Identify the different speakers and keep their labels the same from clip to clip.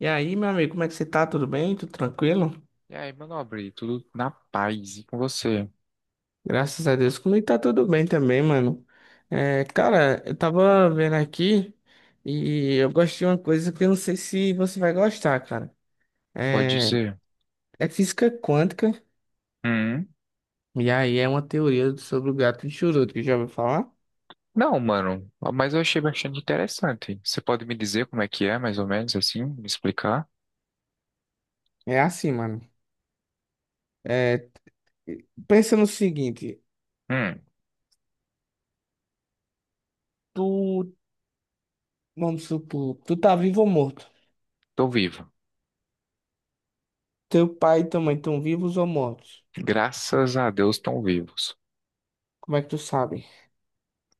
Speaker 1: E aí, meu amigo, como é que você tá? Tudo bem? Tudo tranquilo?
Speaker 2: E aí, meu nobre, tudo na paz e com você?
Speaker 1: Graças a Deus, comigo tá tudo bem também, mano. Cara, eu tava vendo aqui e eu gosto de uma coisa que eu não sei se você vai gostar, cara.
Speaker 2: Pode
Speaker 1: É,
Speaker 2: dizer?
Speaker 1: é física quântica,
Speaker 2: Hum?
Speaker 1: e aí é uma teoria sobre o gato de Schrödinger, que já ouviu falar?
Speaker 2: Não, mano, mas eu achei bastante interessante. Você pode me dizer como é que é, mais ou menos assim? Me explicar?
Speaker 1: É assim, mano. É, pensa no seguinte,
Speaker 2: Hum,
Speaker 1: tu, vamos supor, tu tá vivo ou morto?
Speaker 2: tô vivo.
Speaker 1: Teu pai e tua mãe estão vivos ou mortos?
Speaker 2: Graças a Deus estão vivos.
Speaker 1: Como é que tu sabe?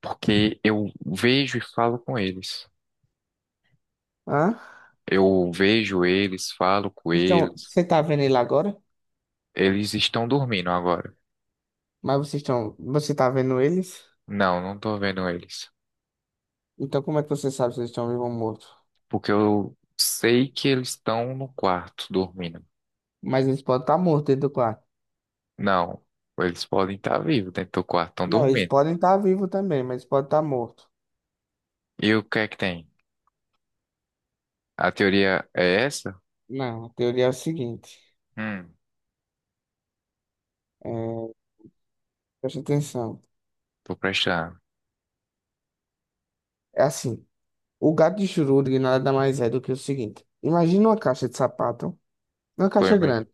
Speaker 2: Porque eu vejo e falo com eles.
Speaker 1: Hã?
Speaker 2: Eu vejo eles, falo com
Speaker 1: Estão,
Speaker 2: eles.
Speaker 1: você tá vendo ele agora?
Speaker 2: Eles estão dormindo agora.
Speaker 1: Mas vocês estão, você tá vendo eles?
Speaker 2: Não, não tô vendo eles.
Speaker 1: Então como é que você sabe se eles estão vivos ou mortos?
Speaker 2: Porque eu sei que eles estão no quarto dormindo.
Speaker 1: Mas eles podem estar mortos dentro do quarto.
Speaker 2: Não, eles podem estar vivos dentro do quarto, estão
Speaker 1: Não, eles
Speaker 2: dormindo.
Speaker 1: podem estar vivos também, mas podem estar mortos.
Speaker 2: E o que é que tem? A teoria é essa?
Speaker 1: Não, a teoria é o seguinte.
Speaker 2: Hum,
Speaker 1: É, preste atenção.
Speaker 2: tô prestando.
Speaker 1: É assim, o gato de Schrödinger nada mais é do que o seguinte. Imagina uma caixa de sapato, uma
Speaker 2: Tô
Speaker 1: caixa
Speaker 2: ima-
Speaker 1: grande.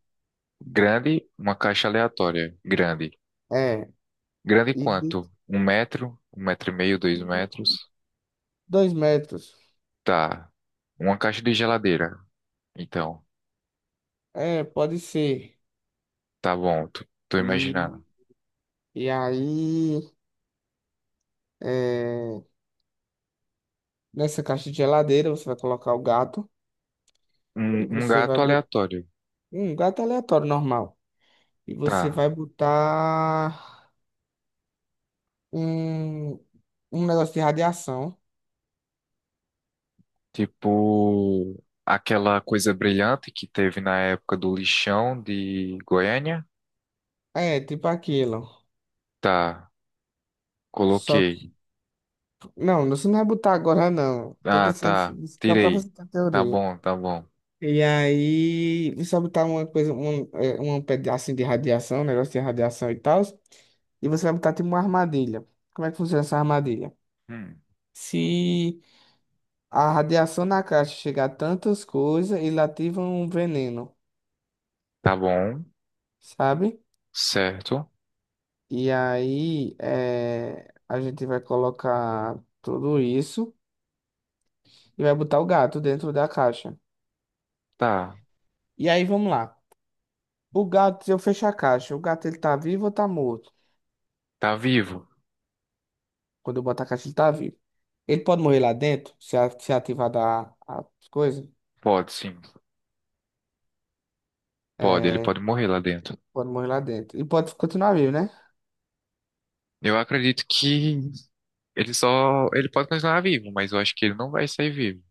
Speaker 2: Grande, uma caixa aleatória. Grande.
Speaker 1: É,
Speaker 2: Grande
Speaker 1: e de
Speaker 2: quanto? Um metro e meio, dois metros.
Speaker 1: 2 metros.
Speaker 2: Tá. Uma caixa de geladeira. Então,
Speaker 1: É, pode ser.
Speaker 2: tá bom, tô
Speaker 1: E,
Speaker 2: imaginando.
Speaker 1: e aí, é, nessa caixa de geladeira, você vai colocar o gato e
Speaker 2: Um
Speaker 1: você vai
Speaker 2: gato
Speaker 1: botar
Speaker 2: aleatório.
Speaker 1: um gato aleatório normal. E você
Speaker 2: Tá.
Speaker 1: vai botar um, um negócio de radiação.
Speaker 2: Tipo, aquela coisa brilhante que teve na época do lixão de Goiânia.
Speaker 1: É, tipo aquilo.
Speaker 2: Tá.
Speaker 1: Só
Speaker 2: Coloquei.
Speaker 1: que. Não, você não vai botar agora, não. Tô
Speaker 2: Ah,
Speaker 1: pensando
Speaker 2: tá.
Speaker 1: assim, só pra
Speaker 2: Tirei.
Speaker 1: você ter
Speaker 2: Tá
Speaker 1: teoria.
Speaker 2: bom, tá bom.
Speaker 1: E aí, você vai botar uma coisa, um, um pedacinho de radiação, um negócio de radiação e tal. E você vai botar tipo uma armadilha. Como é que funciona essa armadilha?
Speaker 2: Hum.
Speaker 1: Se a radiação na caixa chega a tantas coisas e lativa um veneno,
Speaker 2: Tá bom.
Speaker 1: sabe?
Speaker 2: Certo.
Speaker 1: E aí a gente vai colocar tudo isso e vai botar o gato dentro da caixa.
Speaker 2: Tá.
Speaker 1: E aí vamos lá. O gato, se eu fechar a caixa, o gato ele tá vivo ou tá morto?
Speaker 2: Tá vivo.
Speaker 1: Quando eu botar a caixa, ele tá vivo. Ele pode morrer lá dentro, se, se ativar da, as coisas.
Speaker 2: Pode, sim. Pode, ele
Speaker 1: É,
Speaker 2: pode morrer lá dentro.
Speaker 1: pode morrer lá dentro. E pode continuar vivo, né?
Speaker 2: Eu acredito que ele só. Ele pode continuar vivo, mas eu acho que ele não vai sair vivo.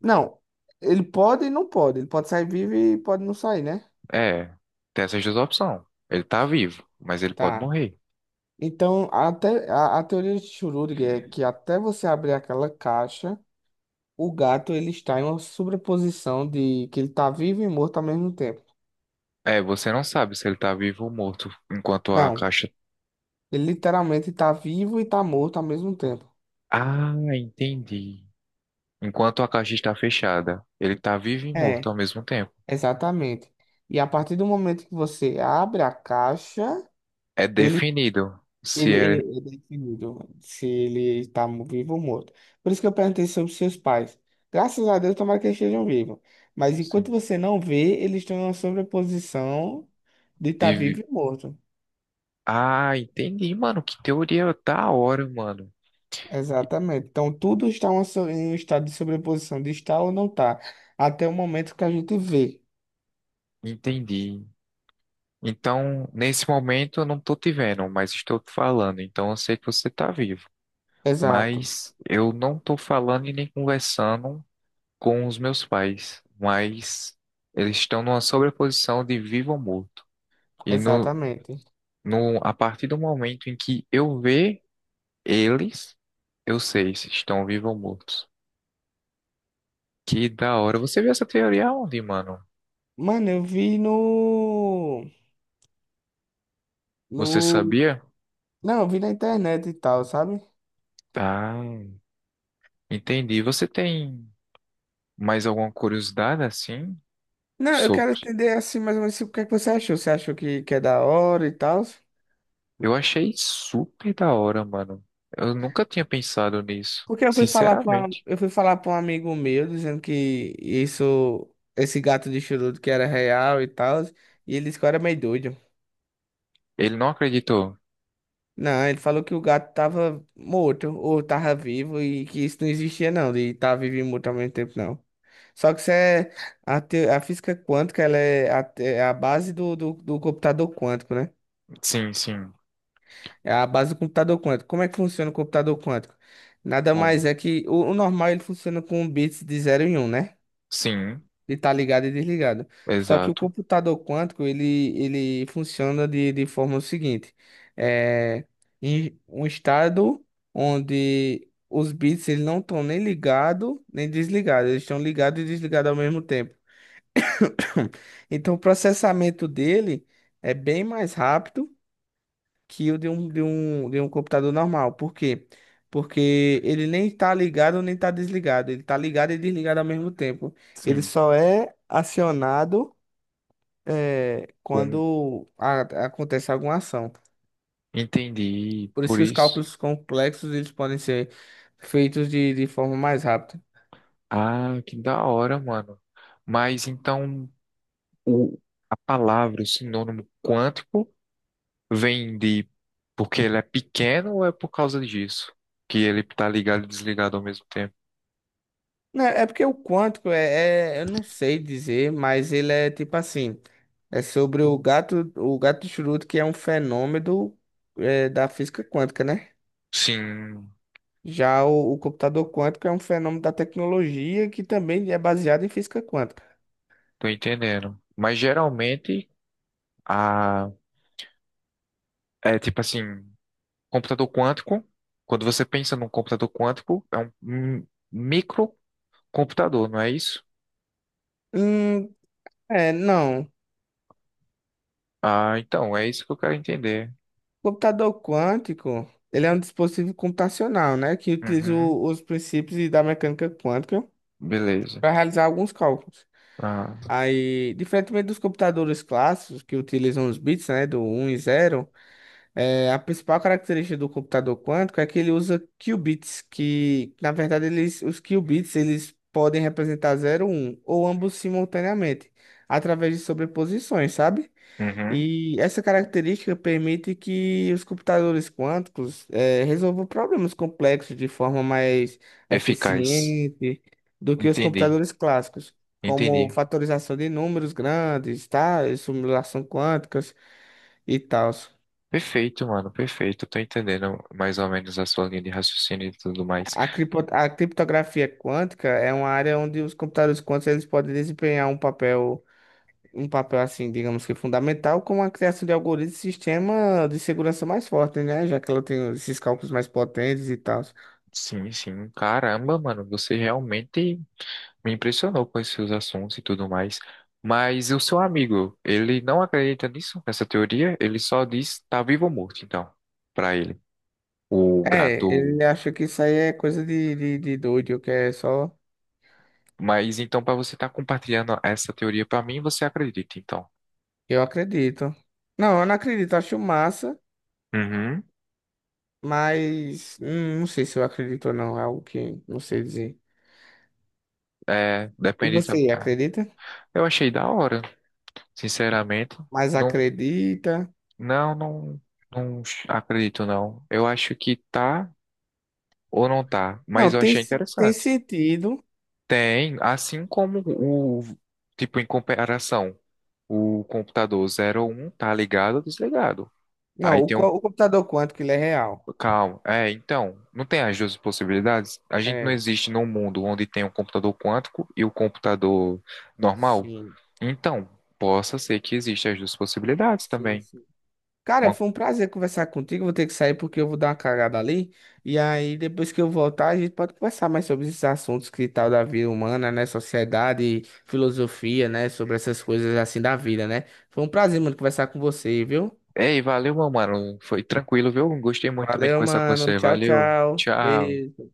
Speaker 1: Não. Ele pode e não pode. Ele pode sair vivo e pode não sair, né?
Speaker 2: É, tem essas duas opções. Ele tá vivo, mas ele pode
Speaker 1: Tá.
Speaker 2: morrer.
Speaker 1: Então, até a teoria de Schrödinger é que até você abrir aquela caixa, o gato ele está em uma sobreposição de que ele está vivo e morto ao mesmo tempo.
Speaker 2: É, você não sabe se ele tá vivo ou morto enquanto a
Speaker 1: Não,
Speaker 2: caixa.
Speaker 1: ele literalmente está vivo e está morto ao mesmo tempo.
Speaker 2: Ah, entendi. Enquanto a caixa está fechada, ele tá vivo e morto
Speaker 1: É,
Speaker 2: ao mesmo tempo.
Speaker 1: exatamente. E a partir do momento que você abre a caixa,
Speaker 2: É
Speaker 1: ele
Speaker 2: definido. Se
Speaker 1: Ele,
Speaker 2: é.
Speaker 1: ele é definido se ele está vivo ou morto. Por isso que eu perguntei sobre seus pais. Graças a Deus, tomara que eles estejam vivos. Mas
Speaker 2: Se
Speaker 1: enquanto você não vê, eles estão em uma sobreposição de estar
Speaker 2: deve-
Speaker 1: vivo e morto.
Speaker 2: Ah, entendi, mano. Que teoria da hora, mano.
Speaker 1: Exatamente. Então, tudo está uma em um estado de sobreposição, de estar ou não estar, até o momento que a gente vê.
Speaker 2: Entendi. Então, nesse momento eu não tô te vendo, mas estou te falando. Então eu sei que você tá vivo.
Speaker 1: Exato.
Speaker 2: Mas eu não tô falando e nem conversando com os meus pais. Mas eles estão numa sobreposição de vivo ou morto. E no,
Speaker 1: Exatamente.
Speaker 2: no, a partir do momento em que eu ver eles, eu sei se estão vivos ou mortos. Que da hora. Você viu essa teoria onde, mano?
Speaker 1: Mano, eu vi
Speaker 2: Você
Speaker 1: no...
Speaker 2: sabia?
Speaker 1: Não, eu vi na internet e tal, sabe?
Speaker 2: Ah, entendi. Você tem mais alguma curiosidade assim
Speaker 1: Não, eu quero
Speaker 2: sobre?
Speaker 1: entender assim mais ou menos o que é que você achou. Você achou que é da hora e tal?
Speaker 2: Eu achei super da hora, mano. Eu nunca tinha pensado nisso,
Speaker 1: Porque eu fui falar para
Speaker 2: sinceramente.
Speaker 1: eu fui falar para um amigo meu dizendo que isso esse gato de charuto que era real e tal, e ele disse que eu era meio doido.
Speaker 2: Ele não acreditou.
Speaker 1: Não, ele falou que o gato tava morto ou tava vivo e que isso não existia não, de estar vivo e morto ao mesmo tempo não. Só que isso é a física quântica, ela é é a base do computador quântico, né?
Speaker 2: Sim, sim.
Speaker 1: É a base do computador quântico. Como é que funciona o computador quântico? Nada
Speaker 2: Como?
Speaker 1: mais é que o normal ele funciona com bits de zero e um, né?
Speaker 2: Sim,
Speaker 1: De estar ligado e desligado. Só que o
Speaker 2: exato.
Speaker 1: computador quântico ele funciona de forma seguinte: é em um estado onde os bits eles não estão nem ligado nem desligado, eles estão ligados e desligados ao mesmo tempo. Então o processamento dele é bem mais rápido que o de um computador normal. Por quê? Porque ele nem está ligado nem está desligado. Ele está ligado e desligado ao mesmo tempo. Ele
Speaker 2: Sim.
Speaker 1: só é acionado
Speaker 2: Um,
Speaker 1: quando acontece alguma ação.
Speaker 2: entendi.
Speaker 1: Por isso
Speaker 2: Por
Speaker 1: que os
Speaker 2: isso.
Speaker 1: cálculos complexos eles podem ser feitos de forma mais rápida.
Speaker 2: Ah, que da hora, mano. Mas então o, a palavra, o sinônimo quântico vem de porque ele é pequeno ou é por causa disso? Que ele tá ligado e desligado ao mesmo tempo?
Speaker 1: Não, é porque o quântico eu não sei dizer, mas ele é tipo assim, é sobre o gato de Schrödinger, que é um fenômeno da física quântica, né?
Speaker 2: Sim,
Speaker 1: Já o computador quântico é um fenômeno da tecnologia que também é baseado em física quântica.
Speaker 2: tô entendendo. Mas geralmente a é tipo assim, computador quântico, quando você pensa num computador quântico, é um um microcomputador, não é isso?
Speaker 1: Hum, é, não.
Speaker 2: Ah, então, é isso que eu quero entender.
Speaker 1: Computador quântico, ele é um dispositivo computacional, né, que utiliza
Speaker 2: Uhum,
Speaker 1: os princípios da mecânica quântica
Speaker 2: beleza.
Speaker 1: para realizar alguns cálculos.
Speaker 2: Ah,
Speaker 1: Aí, diferentemente dos computadores clássicos que utilizam os bits, né, do um e zero. É, a principal característica do computador quântico é que ele usa qubits, que na verdade eles, os qubits eles podem representar zero um ou ambos simultaneamente, através de sobreposições, sabe?
Speaker 2: uhum,
Speaker 1: E essa característica permite que os computadores quânticos resolvam problemas complexos de forma mais
Speaker 2: eficaz.
Speaker 1: eficiente do que os
Speaker 2: Entendi,
Speaker 1: computadores clássicos, como
Speaker 2: entendi.
Speaker 1: fatorização de números grandes, tá? E simulação quânticas e tal.
Speaker 2: Perfeito, mano, perfeito. Tô entendendo mais ou menos a sua linha de raciocínio e tudo mais.
Speaker 1: A criptografia quântica é uma área onde os computadores quânticos eles podem desempenhar um papel assim, digamos que fundamental, como a criação de algoritmos e sistema de segurança mais forte, né? Já que ela tem esses cálculos mais potentes e tal.
Speaker 2: Sim, sim. Caramba, mano, você realmente me impressionou com esses seus assuntos e tudo mais. Mas o seu amigo, ele não acredita nisso, nessa teoria? Ele só diz tá vivo ou morto, então, pra ele, o
Speaker 1: É,
Speaker 2: gato.
Speaker 1: ele acha que isso aí é coisa de doido, que é só.
Speaker 2: Mas então, pra você estar compartilhando essa teoria pra mim, você acredita, então?
Speaker 1: Eu acredito. Não, eu não acredito, acho massa,
Speaker 2: Uhum.
Speaker 1: mas não sei se eu acredito ou não, é algo que não sei dizer.
Speaker 2: É,
Speaker 1: E
Speaker 2: depende. tam-
Speaker 1: você
Speaker 2: ah,
Speaker 1: acredita?
Speaker 2: Eu achei da hora, sinceramente.
Speaker 1: Mas
Speaker 2: não
Speaker 1: acredita?
Speaker 2: Não, não, não acredito não. Eu acho que tá ou não tá, mas
Speaker 1: Não,
Speaker 2: eu
Speaker 1: tem,
Speaker 2: achei
Speaker 1: tem
Speaker 2: interessante.
Speaker 1: sentido.
Speaker 2: Tem, assim como tipo, em comparação, o computador zero um tá ligado ou desligado.
Speaker 1: Não,
Speaker 2: Aí tem um,
Speaker 1: o computador quântico, ele é real.
Speaker 2: calma, é, então, não tem as duas possibilidades? A gente não
Speaker 1: É,
Speaker 2: existe num mundo onde tem um computador quântico e o computador normal.
Speaker 1: sim,
Speaker 2: Então, possa ser que existam as duas possibilidades
Speaker 1: sim,
Speaker 2: também.
Speaker 1: sim. Cara, foi um prazer conversar contigo. Vou ter que sair porque eu vou dar uma cagada ali. E aí, depois que eu voltar, a gente pode conversar mais sobre esses assuntos que tal da vida humana, né? Sociedade, filosofia, né? Sobre essas coisas assim da vida, né? Foi um prazer, mano, conversar com você, viu?
Speaker 2: Ei, valeu, meu mano. Foi tranquilo, viu? Gostei muito também de
Speaker 1: Valeu,
Speaker 2: conversar com
Speaker 1: mano.
Speaker 2: você.
Speaker 1: Tchau,
Speaker 2: Valeu.
Speaker 1: tchau.
Speaker 2: Tchau.
Speaker 1: Beijo.